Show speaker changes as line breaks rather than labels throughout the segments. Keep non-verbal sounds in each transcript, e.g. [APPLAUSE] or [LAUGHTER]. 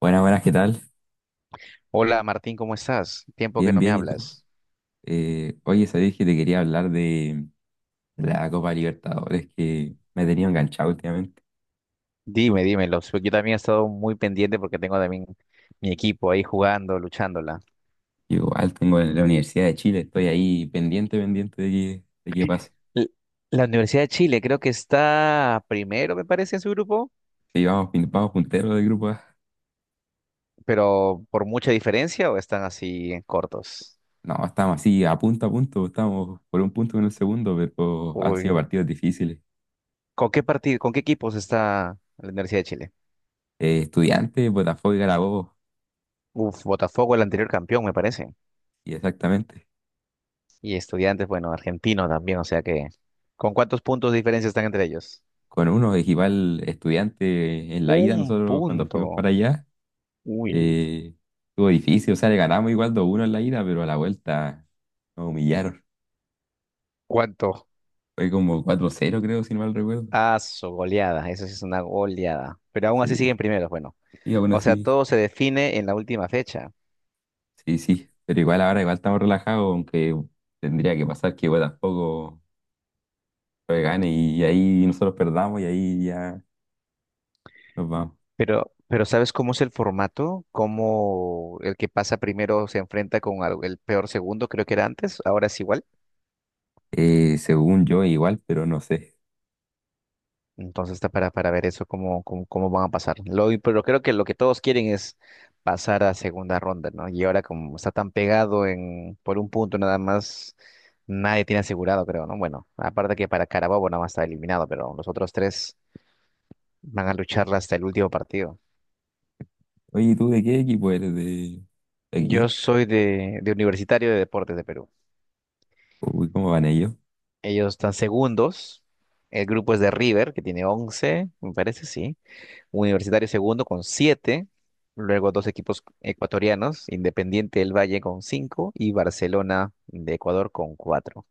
Buenas, buenas, ¿qué tal?
Hola Martín, ¿cómo estás? Tiempo que
Bien,
no me
bien, ¿y tú?
hablas.
Oye, sabés que te quería hablar de la Copa Libertadores que me he tenido enganchado últimamente.
Dime, dímelo. Yo también he estado muy pendiente porque tengo también mi equipo ahí jugando, luchándola.
Yo igual tengo en la Universidad de Chile, estoy ahí pendiente, pendiente de qué pasa.
L- La Universidad de Chile creo que está primero, me parece, en su grupo,
Sí, vamos, vamos punteros del grupo A.
pero por mucha diferencia o están así cortos.
No, estamos así a punto, estamos por un punto en el segundo, pero han sido
Uy.
partidos difíciles.
¿Con qué partido, con qué equipos está la Universidad de Chile?
Estudiantes, Botafogo y Carabobo.
Uf, Botafogo, el anterior campeón, me parece.
Y exactamente.
Y Estudiantes, bueno, argentino también, o sea que. ¿Con cuántos puntos de diferencia están entre ellos?
Con uno, igual estudiante en la ida,
Un
nosotros cuando fuimos para
punto.
allá.
Uy.
Eh, Estuvo difícil, o sea, le ganamos igual 2-1 en la ida, pero a la vuelta nos humillaron.
¿Cuánto?
Fue como 4-0 creo, si no mal recuerdo.
Ah, su goleada, eso sí es una goleada. Pero aún así
Sí,
siguen primeros, bueno.
y aún
O sea,
así,
todo se define en la última fecha.
sí, sí. Pero igual ahora igual estamos relajados, aunque tendría que pasar que igual tampoco fue gane y ahí nosotros perdamos y ahí ya nos vamos.
Pero ¿sabes cómo es el formato? ¿Cómo el que pasa primero se enfrenta con el peor segundo, creo que era antes? Ahora es igual.
Según yo, igual, pero no sé.
Entonces está para ver eso cómo, cómo, cómo van a pasar. Lo, pero creo que lo que todos quieren es pasar a segunda ronda, ¿no? Y ahora como está tan pegado en, por un punto nada más, nadie tiene asegurado, creo, ¿no? Bueno, aparte que para Carabobo nada más está eliminado, pero los otros tres van a lucharla hasta el último partido.
Oye, ¿tú de qué equipo eres? ¿De
Yo
aquí?
soy de Universitario de Deportes de Perú.
Uy, ¿cómo van ellos?
Ellos están segundos. El grupo es de River, que tiene 11, me parece, sí. Universitario segundo con 7, luego dos equipos ecuatorianos, Independiente del Valle con cinco y Barcelona de Ecuador con cuatro.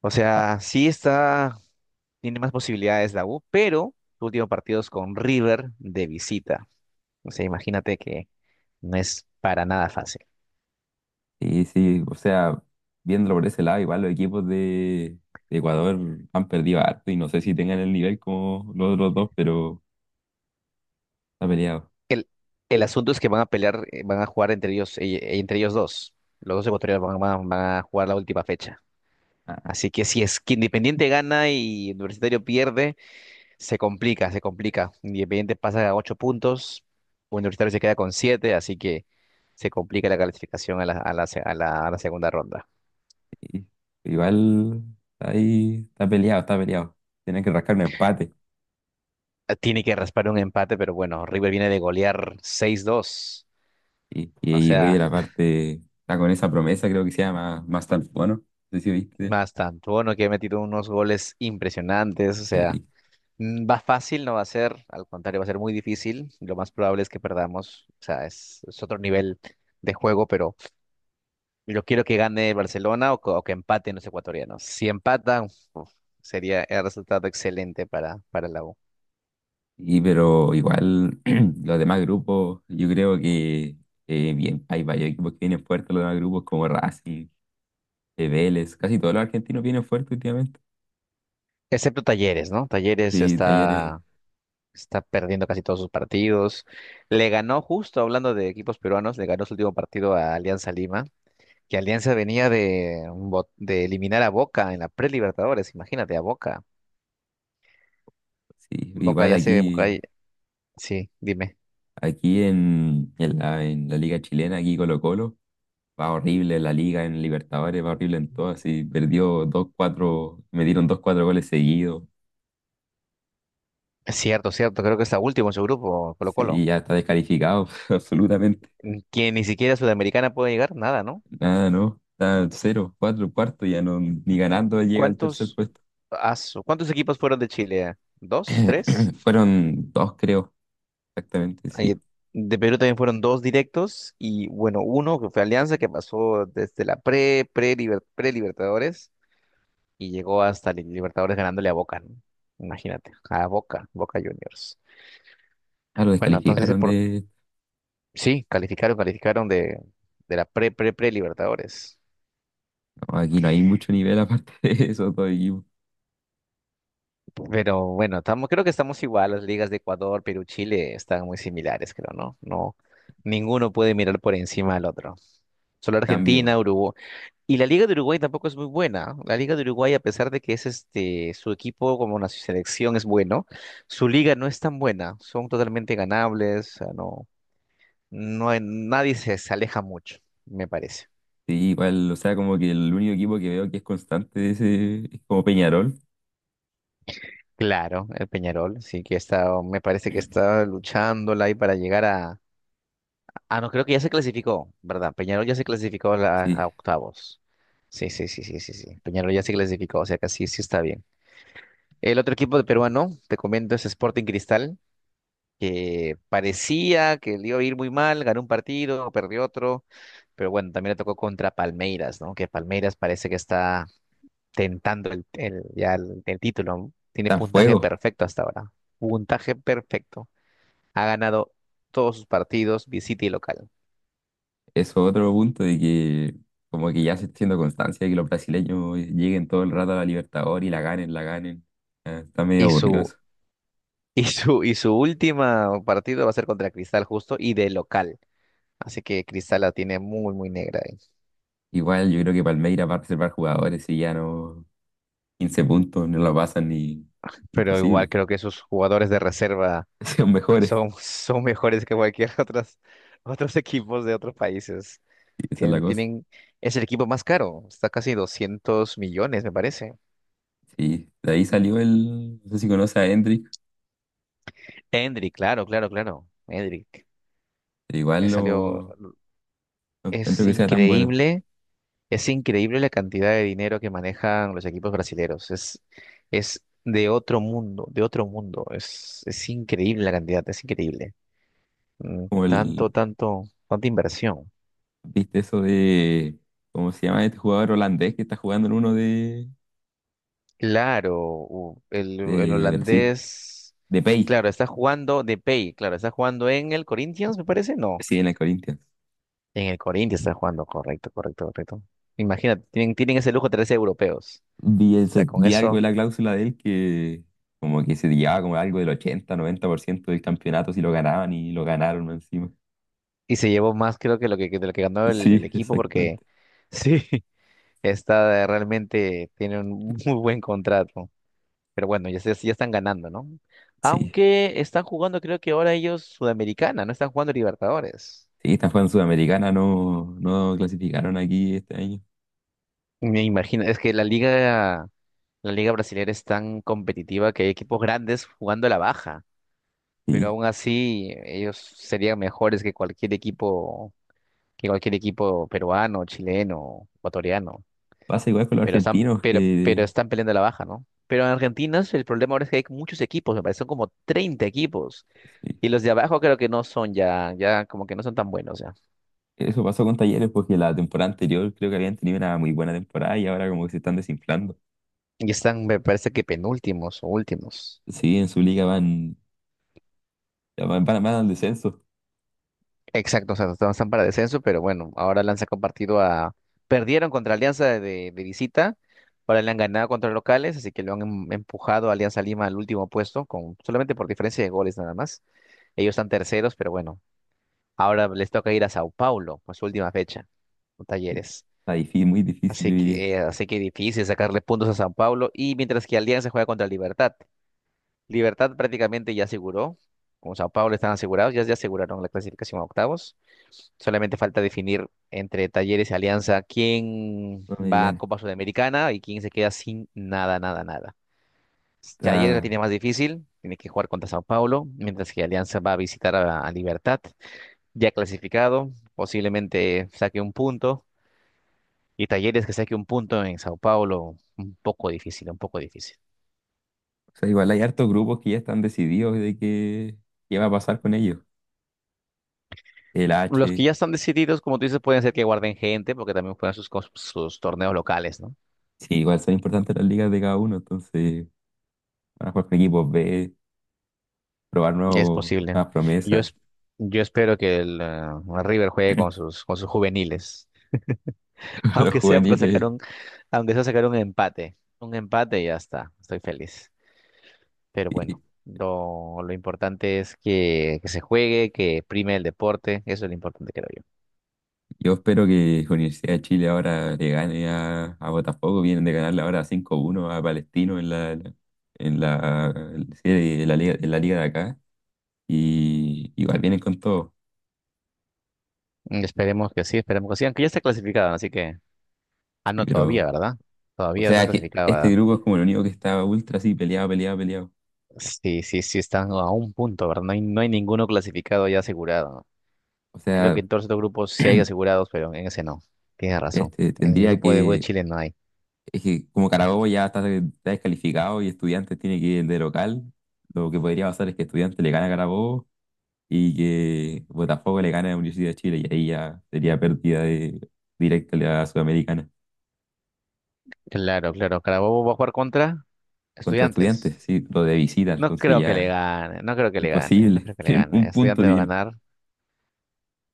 O sea, sí está, tiene más posibilidades la U, pero su último partido es con River de visita. O sea, imagínate que no es para nada fácil.
Sí, sí, o sea, viéndolo por ese lado, igual los equipos de Ecuador han perdido harto y no sé si tengan el nivel como los otros dos, pero está peleado.
El, el asunto es que van a pelear, van a jugar entre ellos dos. Los dos ecuatorianos van, van a jugar la última fecha.
Ah,
Así que si es que Independiente gana y Universitario pierde, se complica, se complica. Independiente pasa a 8 puntos, Universitario se queda con 7, así que se complica la calificación a la, a la, a a la segunda ronda.
sí. Igual está peleado, está peleado. Tienen que rascar un empate.
Tiene que raspar un empate, pero bueno, River viene de golear 6-2.
Y, y,
O
y River
sea,
aparte está con esa promesa, creo que se llama Mastalfo, ¿no? No sé si viste.
más tanto, bueno, que ha metido unos goles impresionantes. O sea,
Sí.
va fácil, no va a ser, al contrario, va a ser muy difícil. Lo más probable es que perdamos. O sea, es otro nivel de juego, pero yo quiero que gane el Barcelona o, o que empaten los ecuatorianos. Si empatan, uf, sería el resultado excelente para la U.
Y pero igual [CLEARS THROAT] los demás grupos, yo creo que bien, hay varios equipos que vienen fuertes los demás grupos como Racing. De Vélez, casi todos los argentinos vienen fuerte últimamente.
Excepto Talleres, ¿no? Talleres
Sí, Talleres,
está, está perdiendo casi todos sus partidos. Le ganó, justo hablando de equipos peruanos, le ganó su último partido a Alianza Lima, que Alianza venía de, un de eliminar a Boca en la pre-Libertadores, imagínate, a Boca.
sí,
Boca
igual
ya se...
aquí,
Sí, dime.
aquí en la liga chilena, aquí Colo-Colo, va horrible la liga en Libertadores, va horrible en todo, así perdió dos cuatro me dieron 2-4 goles seguidos,
Cierto, cierto, creo que está último en su grupo,
sí,
Colo-Colo.
ya está descalificado, [LAUGHS] absolutamente,
Que ni siquiera Sudamericana puede llegar, nada, ¿no?
nada, no, está cero cuatro cuarto, ya no, ni ganando llega al tercer
¿Cuántos,
puesto.
Cuántos equipos fueron de Chile? ¿Dos?
[CLEARS THROAT]
¿Tres?
Fueron dos, creo, exactamente,
Ahí-
sí.
de Perú también fueron dos directos y bueno, uno que fue Alianza que pasó desde la pre-Libertadores y llegó hasta Libertadores ganándole a Boca, ¿no? Imagínate, a Boca, Boca Juniors.
Ah, lo
Bueno, entonces sí,
descalificaron
por,
de.
sí, calificaron, calificaron de la pre-Libertadores.
No, aquí no hay mucho nivel aparte [LAUGHS] de esos dos equipos.
Pero bueno, estamos, creo que estamos igual, las ligas de Ecuador, Perú, Chile están muy similares, creo, ¿no? No, ninguno puede mirar por encima al otro. Solo Argentina,
Cambio.
Uruguay. Y la Liga de Uruguay tampoco es muy buena. La Liga de Uruguay, a pesar de que es este, su equipo como una selección es bueno, su liga no es tan buena. Son totalmente ganables. O sea, no, nadie se, se aleja mucho, me parece.
Sí, igual, o sea, como que el único equipo que veo que es constante de ese es como Peñarol.
Claro, el Peñarol, sí que está, me parece que está luchándola ahí para llegar a. Ah, no, creo que ya se clasificó, ¿verdad? Peñarol ya se clasificó a, a
Sí,
octavos. Sí, sí, sí, sí, sí, sí. Peñarol ya se clasificó, o sea que sí, sí está bien. El otro equipo de peruano, te comento, es Sporting Cristal, que parecía que le iba a ir muy mal, ganó un partido, perdió otro, pero bueno, también le tocó contra Palmeiras, ¿no? Que Palmeiras parece que está tentando el, ya el título, ¿no? Tiene
está en
puntaje
fuego.
perfecto hasta ahora, puntaje perfecto. Ha ganado todos sus partidos, visita y local.
Eso es otro punto de que como que ya se está haciendo constancia de que los brasileños lleguen todo el rato a la Libertadores y la ganen, la ganen. Ah, está medio
Y
aburrido
su,
eso.
[LAUGHS] y su última partido va a ser contra Cristal justo y de local. Así que Cristal la tiene muy, muy negra.
Igual yo creo que Palmeiras va a reservar jugadores y ya no 15 puntos, no lo pasan ni
Pero igual
imposible.
creo que esos jugadores de reserva
[LAUGHS] Son mejores.
son, [LAUGHS] son mejores que cualquier [LAUGHS] otras, otros equipos de otros países.
Sí, esa es la
Tienen,
cosa.
tienen, es el equipo más caro, está casi 200 millones, me parece.
Sí, de ahí salió no sé si conoce a Hendrik,
Endrick, claro, claro, claro. Endrick,
pero igual
salió,
no encuentro
es
que sea tan bueno
increíble, es increíble la cantidad de dinero que manejan los equipos brasileños. Es de otro mundo, de otro mundo. Es increíble la cantidad, es increíble.
como
Tanto, tanto, tanta inversión.
viste eso ¿cómo se llama este jugador holandés que está jugando en uno de,
Claro, el
de Brasil?
holandés,
De Pay,
claro, está jugando de pay, claro, está jugando en el Corinthians, me parece, no,
sí, en el Corinthians.
en el Corinthians está jugando, correcto, correcto, correcto. Imagínate, tienen, tienen ese lujo trece europeos,
Vi,
o sea,
ese-
con
vi algo de
eso,
la cláusula de él que como que se llevaba como algo del 80-90% del campeonato si lo ganaban, y lo ganaron encima.
y se llevó más creo que lo que de lo que ganó el
Sí, [LAUGHS]
equipo, porque
exactamente.
[LAUGHS] sí, está realmente, tiene un muy buen contrato, pero bueno, ya, ya están ganando, ¿no?
Sí,
Aunque están jugando, creo que ahora ellos Sudamericana, no están jugando Libertadores.
sí, esta fue en Sudamericana, no, no clasificaron aquí este año.
Me imagino, es que la liga brasileña es tan competitiva que hay equipos grandes jugando a la baja, pero
Sí,
aún así ellos serían mejores que cualquier equipo peruano, chileno, ecuatoriano,
pasa igual con los argentinos
pero
que...
están peleando a la baja, ¿no? Pero en Argentina el problema ahora es que hay muchos equipos, me parece son como 30 equipos,
Sí.
y los de abajo creo que no son ya, ya como que no son tan buenos ya,
Eso pasó con Talleres porque la temporada anterior creo que habían tenido una muy buena temporada y ahora como que se están desinflando.
y están, me parece que penúltimos o últimos.
Sí, en su liga ya van, van al descenso.
Exacto, o sea, no están para descenso, pero bueno, ahora le han sacado partido a... Perdieron contra Alianza de visita, ahora le han ganado contra locales, así que lo han empujado a Alianza Lima al último puesto, con... solamente por diferencia de goles nada más. Ellos están terceros, pero bueno, ahora les toca ir a Sao Paulo, por su última fecha, con
Y
Talleres.
está difícil, muy difícil, yo diría.
Así que difícil sacarle puntos a Sao Paulo, y mientras que Alianza juega contra Libertad. Libertad prácticamente ya aseguró, como Sao Paulo están asegurados, ya, ya aseguraron la clasificación a octavos. Solamente falta definir entre Talleres y Alianza quién va a
Sudamericana.
Copa Sudamericana y quién se queda sin nada, nada, nada. Talleres la
Está,
tiene más difícil, tiene que jugar contra Sao Paulo, mientras que Alianza va a visitar a Libertad, ya clasificado, posiblemente saque un punto, y Talleres que saque un punto en Sao Paulo, un poco difícil, un poco difícil.
o sea, igual hay hartos grupos que ya están decididos de qué va a pasar con ellos. El
Los que
H,
ya están decididos, como tú dices, pueden ser que guarden gente, porque también juegan sus, sus torneos locales, ¿no?
sí, igual son importantes las ligas de cada uno, entonces van a jugar con equipos B, probar
Es posible.
nuevas
Yo,
promesas,
yo espero que el River juegue con sus juveniles. [LAUGHS]
[LAUGHS] los
Aunque sea para sacar
juveniles.
un, aunque sea sacar un empate. Un empate y ya está. Estoy feliz. Pero bueno, lo importante es que se juegue, que prime el deporte. Eso es lo importante, creo yo.
Yo espero que Universidad de Chile ahora le gane a Botafogo. Vienen de ganarle ahora 5-1 a Palestino en en la serie de la liga, en la liga de acá. Y igual vienen con todo.
Esperemos que sí, esperemos que sí. Aunque ya está clasificado, así que. Ah,
Sí,
no, todavía,
pero,
¿verdad?
o
Todavía está
sea, que
clasificado,
este
¿verdad?
grupo es como el único que está ultra así, peleado, peleado, peleado.
Sí, sí, sí, están a un punto, ¿verdad? No hay, no hay ninguno clasificado ya asegurado.
O
Creo que
sea,
en todos estos grupos sí hay asegurados, pero en ese no. Tienes razón.
este
En el
tendría
grupo de U de
que.
Chile no hay.
Es que como Carabobo está descalificado y Estudiantes tiene que ir de local, lo que podría pasar es que Estudiantes le gana a Carabobo y que Botafogo le gana a la Universidad de Chile y ahí ya sería pérdida directa de la Sudamericana
Claro, claro. Carabobo va a jugar contra
contra
Estudiantes.
Estudiantes, sí, lo de visita,
No
entonces
creo que le
ya
gane, no creo que le gane, no creo
imposible, [LAUGHS]
que le
tienen
gane.
un punto
Estudiantes va a
tiene.
ganar.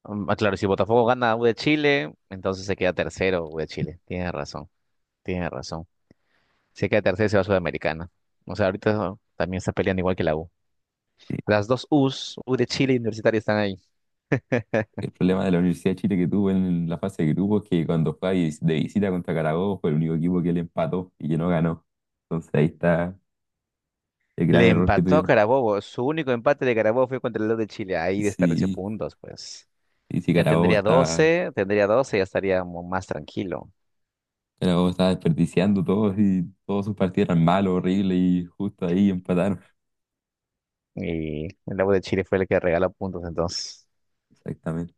Claro, si Botafogo gana a U de Chile, entonces se queda tercero U de Chile. Tienes razón, tienes razón. Si queda tercero se va a Sudamericana. O sea, ahorita también está peleando igual que la U. Las dos U's, U de Chile y Universitario están ahí.
El problema de la Universidad de Chile que tuvo en la fase de grupos es que cuando fue ahí de visita contra Carabobo fue el único equipo que le empató y que no ganó. Entonces ahí está el gran
Le
error que
empató a
tuvieron.
Carabobo. Su único empate de Carabobo fue contra el Lod de Chile. Ahí desperdició
Sí,
puntos, pues.
y si
Ya tendría 12, tendría 12, ya estaría más tranquilo.
Carabobo estaba desperdiciando todos y todos sus partidos eran malos, horribles, y justo ahí empataron.
Y el Lobo de Chile fue el que regaló puntos, entonces.
Exactamente.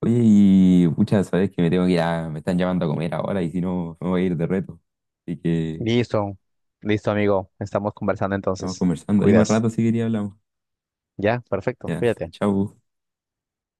Oye, y muchas sabes que me tengo que ir me están llamando a comer ahora y si no me voy a ir de reto. Así que
Listo, listo, amigo. Estamos conversando
estamos
entonces. Te
conversando. Ahí más
cuidas.
rato si quería hablamos.
Ya, perfecto.
Ya,
Cuídate.
chau.